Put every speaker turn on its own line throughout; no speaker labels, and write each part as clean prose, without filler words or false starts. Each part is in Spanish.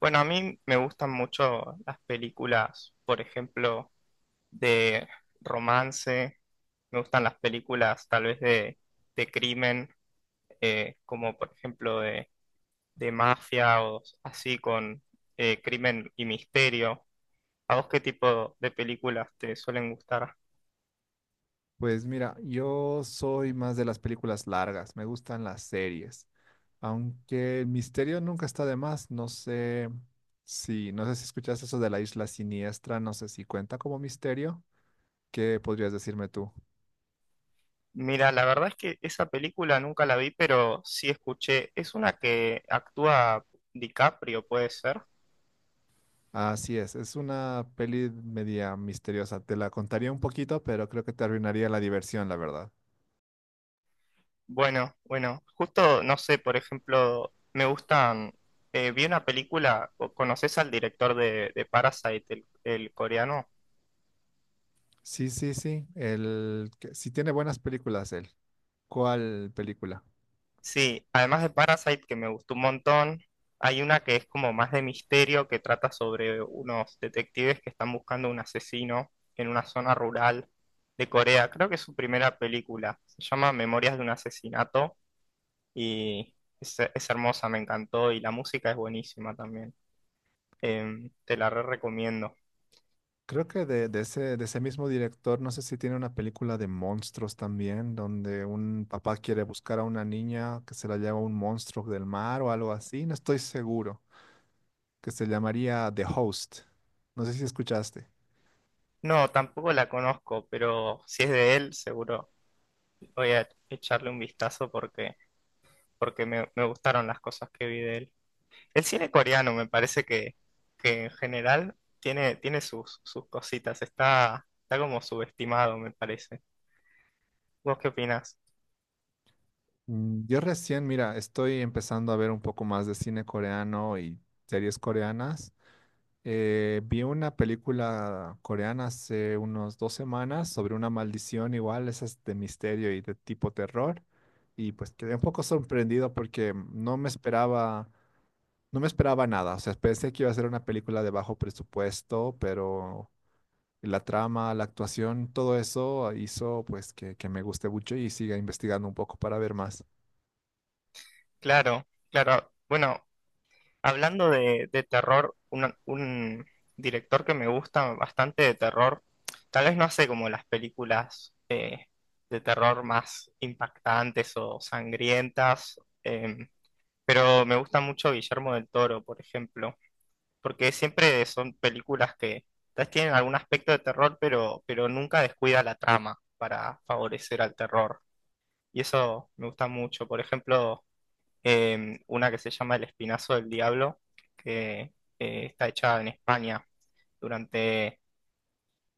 Bueno, a mí me gustan mucho las películas, por ejemplo, de romance. Me gustan las películas tal vez de crimen, como por ejemplo de mafia o así con crimen y misterio. ¿A vos qué tipo de películas te suelen gustar?
Pues mira, yo soy más de las películas largas, me gustan las series, aunque el misterio nunca está de más, no sé si escuchas eso de La Isla Siniestra, no sé si cuenta como misterio. ¿Qué podrías decirme tú?
Mira, la verdad es que esa película nunca la vi, pero sí escuché. Es una que actúa DiCaprio, puede ser.
Así es una peli media misteriosa, te la contaría un poquito, pero creo que te arruinaría la diversión, la verdad.
Bueno, bueno, justo, no sé, por ejemplo, me gustan, vi una película, ¿o ¿conoces al director de Parasite, el coreano?
Sí, sí, sí, el, sí tiene buenas películas él. ¿Cuál película?
Sí, además de Parasite, que me gustó un montón, hay una que es como más de misterio, que trata sobre unos detectives que están buscando un asesino en una zona rural de Corea. Creo que es su primera película, se llama Memorias de un asesinato y es hermosa, me encantó y la música es buenísima también. Te la re recomiendo.
Creo que de ese mismo director, no sé si tiene una película de monstruos también, donde un papá quiere buscar a una niña que se la lleva un monstruo del mar o algo así, no estoy seguro, que se llamaría The Host. No sé si escuchaste.
No, tampoco la conozco, pero si es de él, seguro voy a echarle un vistazo porque, porque me gustaron las cosas que vi de él. El cine coreano me parece que en general tiene, tiene sus cositas, está, está como subestimado, me parece. ¿Vos qué opinás?
Mm, yo recién, mira, estoy empezando a ver un poco más de cine coreano y series coreanas. Vi una película coreana hace unos dos semanas sobre una maldición igual, esa es de misterio y de tipo terror. Y pues quedé un poco sorprendido porque no me esperaba nada. O sea, pensé que iba a ser una película de bajo presupuesto, pero la trama, la actuación, todo eso hizo pues que me guste mucho y siga investigando un poco para ver más.
Claro, claro. Bueno, hablando de terror, un director que me gusta bastante de terror, tal vez no hace como las películas de terror más impactantes o sangrientas, pero me gusta mucho Guillermo del Toro, por ejemplo, porque siempre son películas que tal vez tienen algún aspecto de terror, pero nunca descuida la trama para favorecer al terror. Y eso me gusta mucho. Por ejemplo, una que se llama El Espinazo del Diablo, que está hecha en España durante,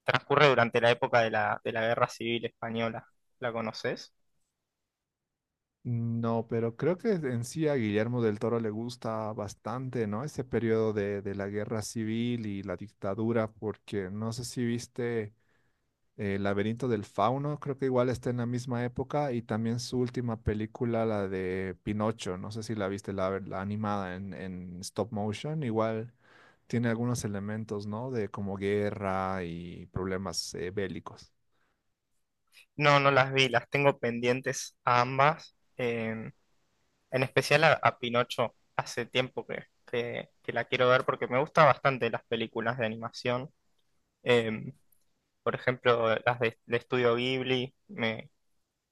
transcurre durante la época de de la Guerra Civil Española. ¿La conoces?
No, pero creo que en sí a Guillermo del Toro le gusta bastante, ¿no? Ese periodo de la guerra civil y la dictadura, porque no sé si viste El laberinto del fauno, creo que igual está en la misma época, y también su última película, la de Pinocho, no sé si la viste, la animada en stop motion, igual tiene algunos elementos, ¿no? De como guerra y problemas bélicos.
No, no las vi, las tengo pendientes a ambas, en especial a Pinocho. Hace tiempo que la quiero ver porque me gustan bastante las películas de animación. Eh, por ejemplo, las de Estudio Ghibli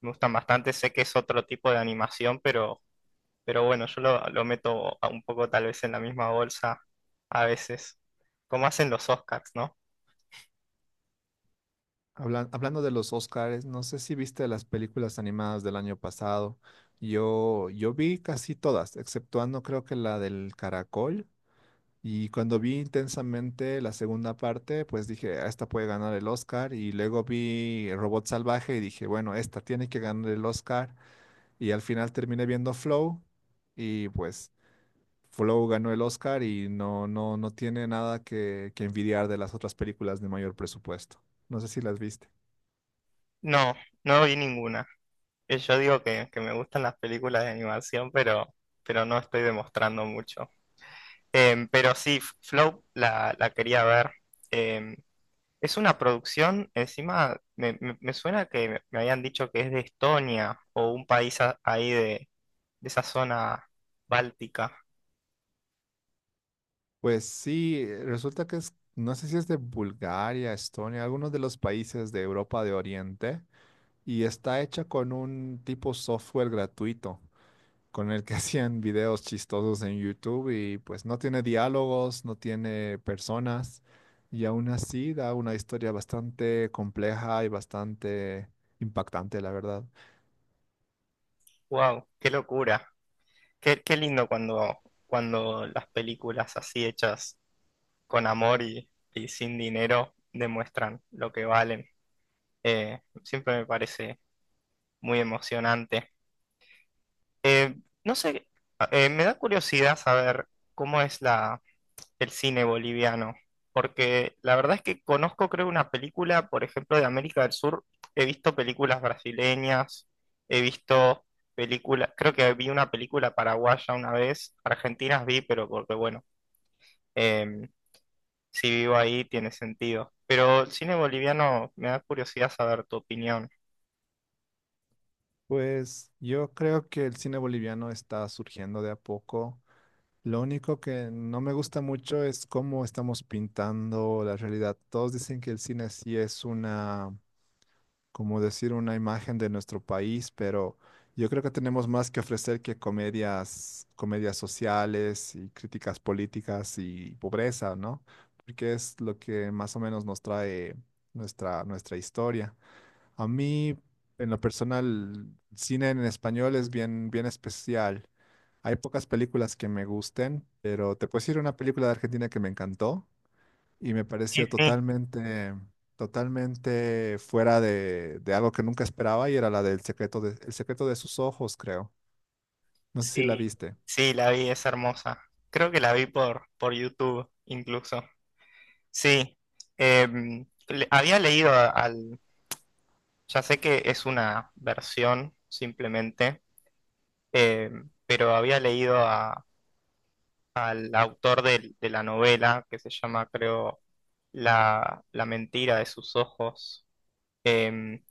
me gustan bastante. Sé que es otro tipo de animación, pero bueno, yo lo meto a un poco tal vez en la misma bolsa a veces, como hacen los Oscars, ¿no?
Hablando de los Oscars, no sé si viste las películas animadas del año pasado. Yo vi casi todas, exceptuando creo que la del Caracol. Y cuando vi Intensamente la segunda parte, pues dije: "Ah, esta puede ganar el Oscar". Y luego vi Robot Salvaje y dije: "Bueno, esta tiene que ganar el Oscar". Y al final terminé viendo Flow, y pues Flow ganó el Oscar y no, no tiene nada que envidiar de las otras películas de mayor presupuesto. No sé si las viste.
No, no vi ninguna. Yo digo que me gustan las películas de animación, pero no estoy demostrando mucho. Pero sí, Flow la quería ver. Em, es una producción, encima me suena que me habían dicho que es de Estonia o un país ahí de esa zona báltica.
Pues sí, resulta que es, no sé si es de Bulgaria, Estonia, algunos de los países de Europa de Oriente, y está hecha con un tipo software gratuito, con el que hacían videos chistosos en YouTube, y pues no tiene diálogos, no tiene personas, y aún así da una historia bastante compleja y bastante impactante, la verdad.
¡Wow! ¡Qué locura! Qué, qué lindo cuando, cuando las películas así hechas con amor y sin dinero demuestran lo que valen. Siempre me parece muy emocionante. Eh, no sé, me da curiosidad saber cómo es el cine boliviano, porque la verdad es que conozco, creo, una película, por ejemplo, de América del Sur. He visto películas brasileñas, he visto... películas, creo que vi una película paraguaya una vez, argentinas vi, pero porque bueno, em, si vivo ahí tiene sentido. Pero el cine boliviano me da curiosidad saber tu opinión.
Pues yo creo que el cine boliviano está surgiendo de a poco. Lo único que no me gusta mucho es cómo estamos pintando la realidad. Todos dicen que el cine sí es una, como decir, una imagen de nuestro país, pero yo creo que tenemos más que ofrecer que comedias, comedias sociales y críticas políticas y pobreza, ¿no? Porque es lo que más o menos nos trae nuestra historia. A mí, en lo personal, cine en español es bien especial. Hay pocas películas que me gusten, pero te puedo decir una película de Argentina que me encantó y me
Sí,
pareció
sí,
totalmente fuera de algo que nunca esperaba, y era la del secreto de, El secreto de sus ojos, creo. No sé si la
sí.
viste.
Sí, la vi, es hermosa. Creo que la vi por YouTube incluso. Sí, había leído al... Ya sé que es una versión simplemente, pero había leído al autor de, la novela que se llama, creo, La mentira de sus ojos. Em,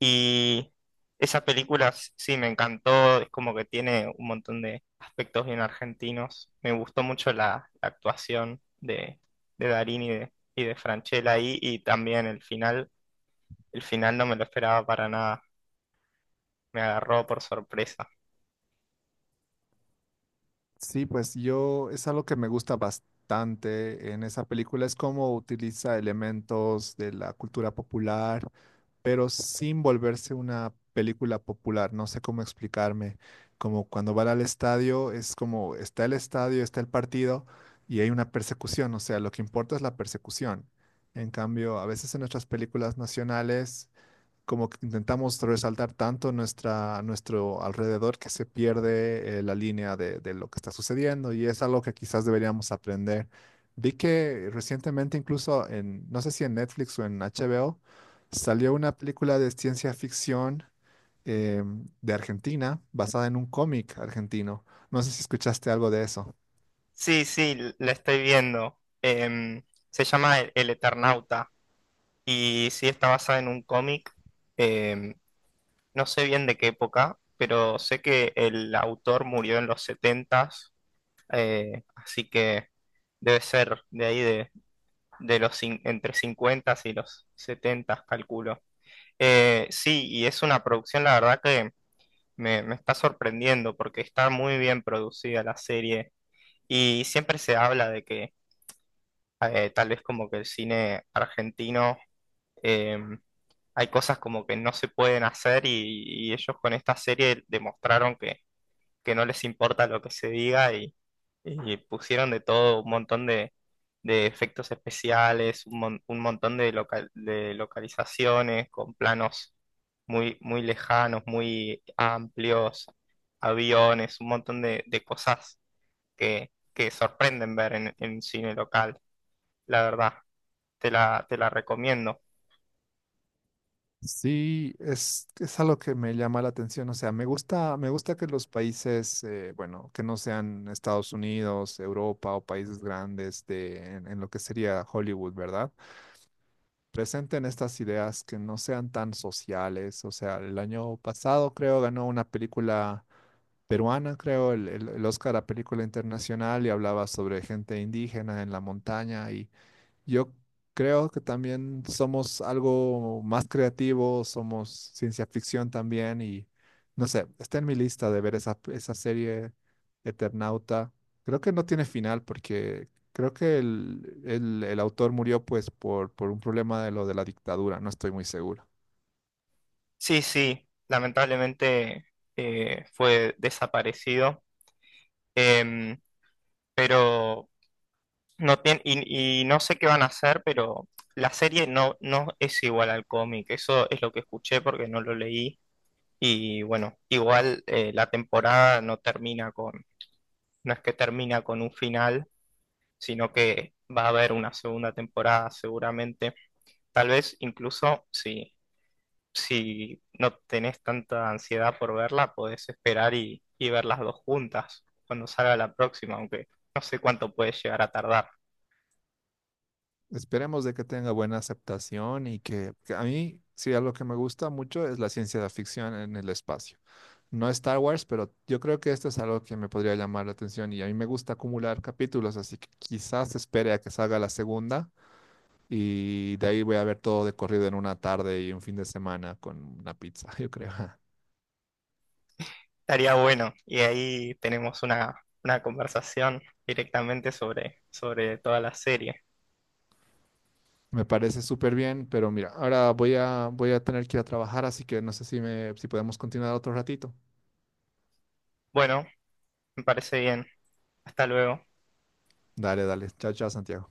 Y esa película sí me encantó, es como que tiene un montón de aspectos bien argentinos. Me gustó mucho la actuación de Darín y de Francella ahí, y también el final. El final no me lo esperaba para nada, me agarró por sorpresa.
Sí, pues yo, es algo que me gusta bastante en esa película, es cómo utiliza elementos de la cultura popular, pero sin volverse una película popular, no sé cómo explicarme. Como cuando van al estadio, es como está el estadio, está el partido y hay una persecución, o sea, lo que importa es la persecución. En cambio, a veces en nuestras películas nacionales como que intentamos resaltar tanto nuestra, nuestro alrededor que se pierde la línea de lo que está sucediendo, y es algo que quizás deberíamos aprender. Vi que recientemente, incluso en, no sé si en Netflix o en HBO, salió una película de ciencia ficción, eh, de Argentina, basada en un cómic argentino. No sé si escuchaste algo de eso.
Sí, sí, la estoy viendo. Em, Se llama El Eternauta y sí está basada en un cómic. Em, no sé bien de qué época, pero sé que el autor murió en los 70, así que debe ser de ahí de los entre 50 y los 70 calculo. Sí, y es una producción, la verdad que me está sorprendiendo porque está muy bien producida la serie y siempre se habla de que tal vez como que el cine argentino... em, hay cosas como que no se pueden hacer y ellos con esta serie demostraron que no les importa lo que se diga y pusieron de todo, un montón de efectos especiales, un montón de, de localizaciones con planos muy, muy lejanos, muy amplios, aviones, un montón de cosas que sorprenden ver en cine local, la verdad, te la recomiendo.
Sí, es algo que me llama la atención. O sea, me gusta que los países, bueno, que no sean Estados Unidos, Europa o países grandes en lo que sería Hollywood, ¿verdad? Presenten estas ideas que no sean tan sociales. O sea, el año pasado creo ganó una película peruana, creo, el Oscar a película internacional, y hablaba sobre gente indígena en la montaña, y yo creo que también somos algo más creativos, somos ciencia ficción también, y no sé, está en mi lista de ver esa, esa serie Eternauta. Creo que no tiene final porque creo que el autor murió pues por un problema de lo de la dictadura, no estoy muy seguro.
Sí, sí, lamentablemente fue desaparecido, em, pero... No tiene, y no sé qué van a hacer, pero la serie no, no es igual al cómic. Eso es lo que escuché porque no lo leí. Y bueno, igual la temporada no termina con, no es que termina con un final, sino que va a haber una segunda temporada seguramente. Tal vez incluso si, si no tenés tanta ansiedad por verla, podés esperar y ver las dos juntas cuando salga la próxima, aunque no sé cuánto puede llegar a tardar.
Esperemos de que tenga buena aceptación. Y que a mí, sí, algo que me gusta mucho es la ciencia de ficción en el espacio. No Star Wars, pero yo creo que esto es algo que me podría llamar la atención, y a mí me gusta acumular capítulos, así que quizás espere a que salga la segunda y de ahí voy a ver todo de corrido en una tarde y un fin de semana con una pizza, yo creo.
Estaría bueno. Y ahí tenemos una conversación directamente sobre, sobre toda la serie.
Me parece súper bien, pero mira, ahora voy a tener que ir a trabajar, así que no sé si podemos continuar otro ratito.
Bueno, me parece bien. Hasta luego.
Dale, dale. Chao, chao, Santiago.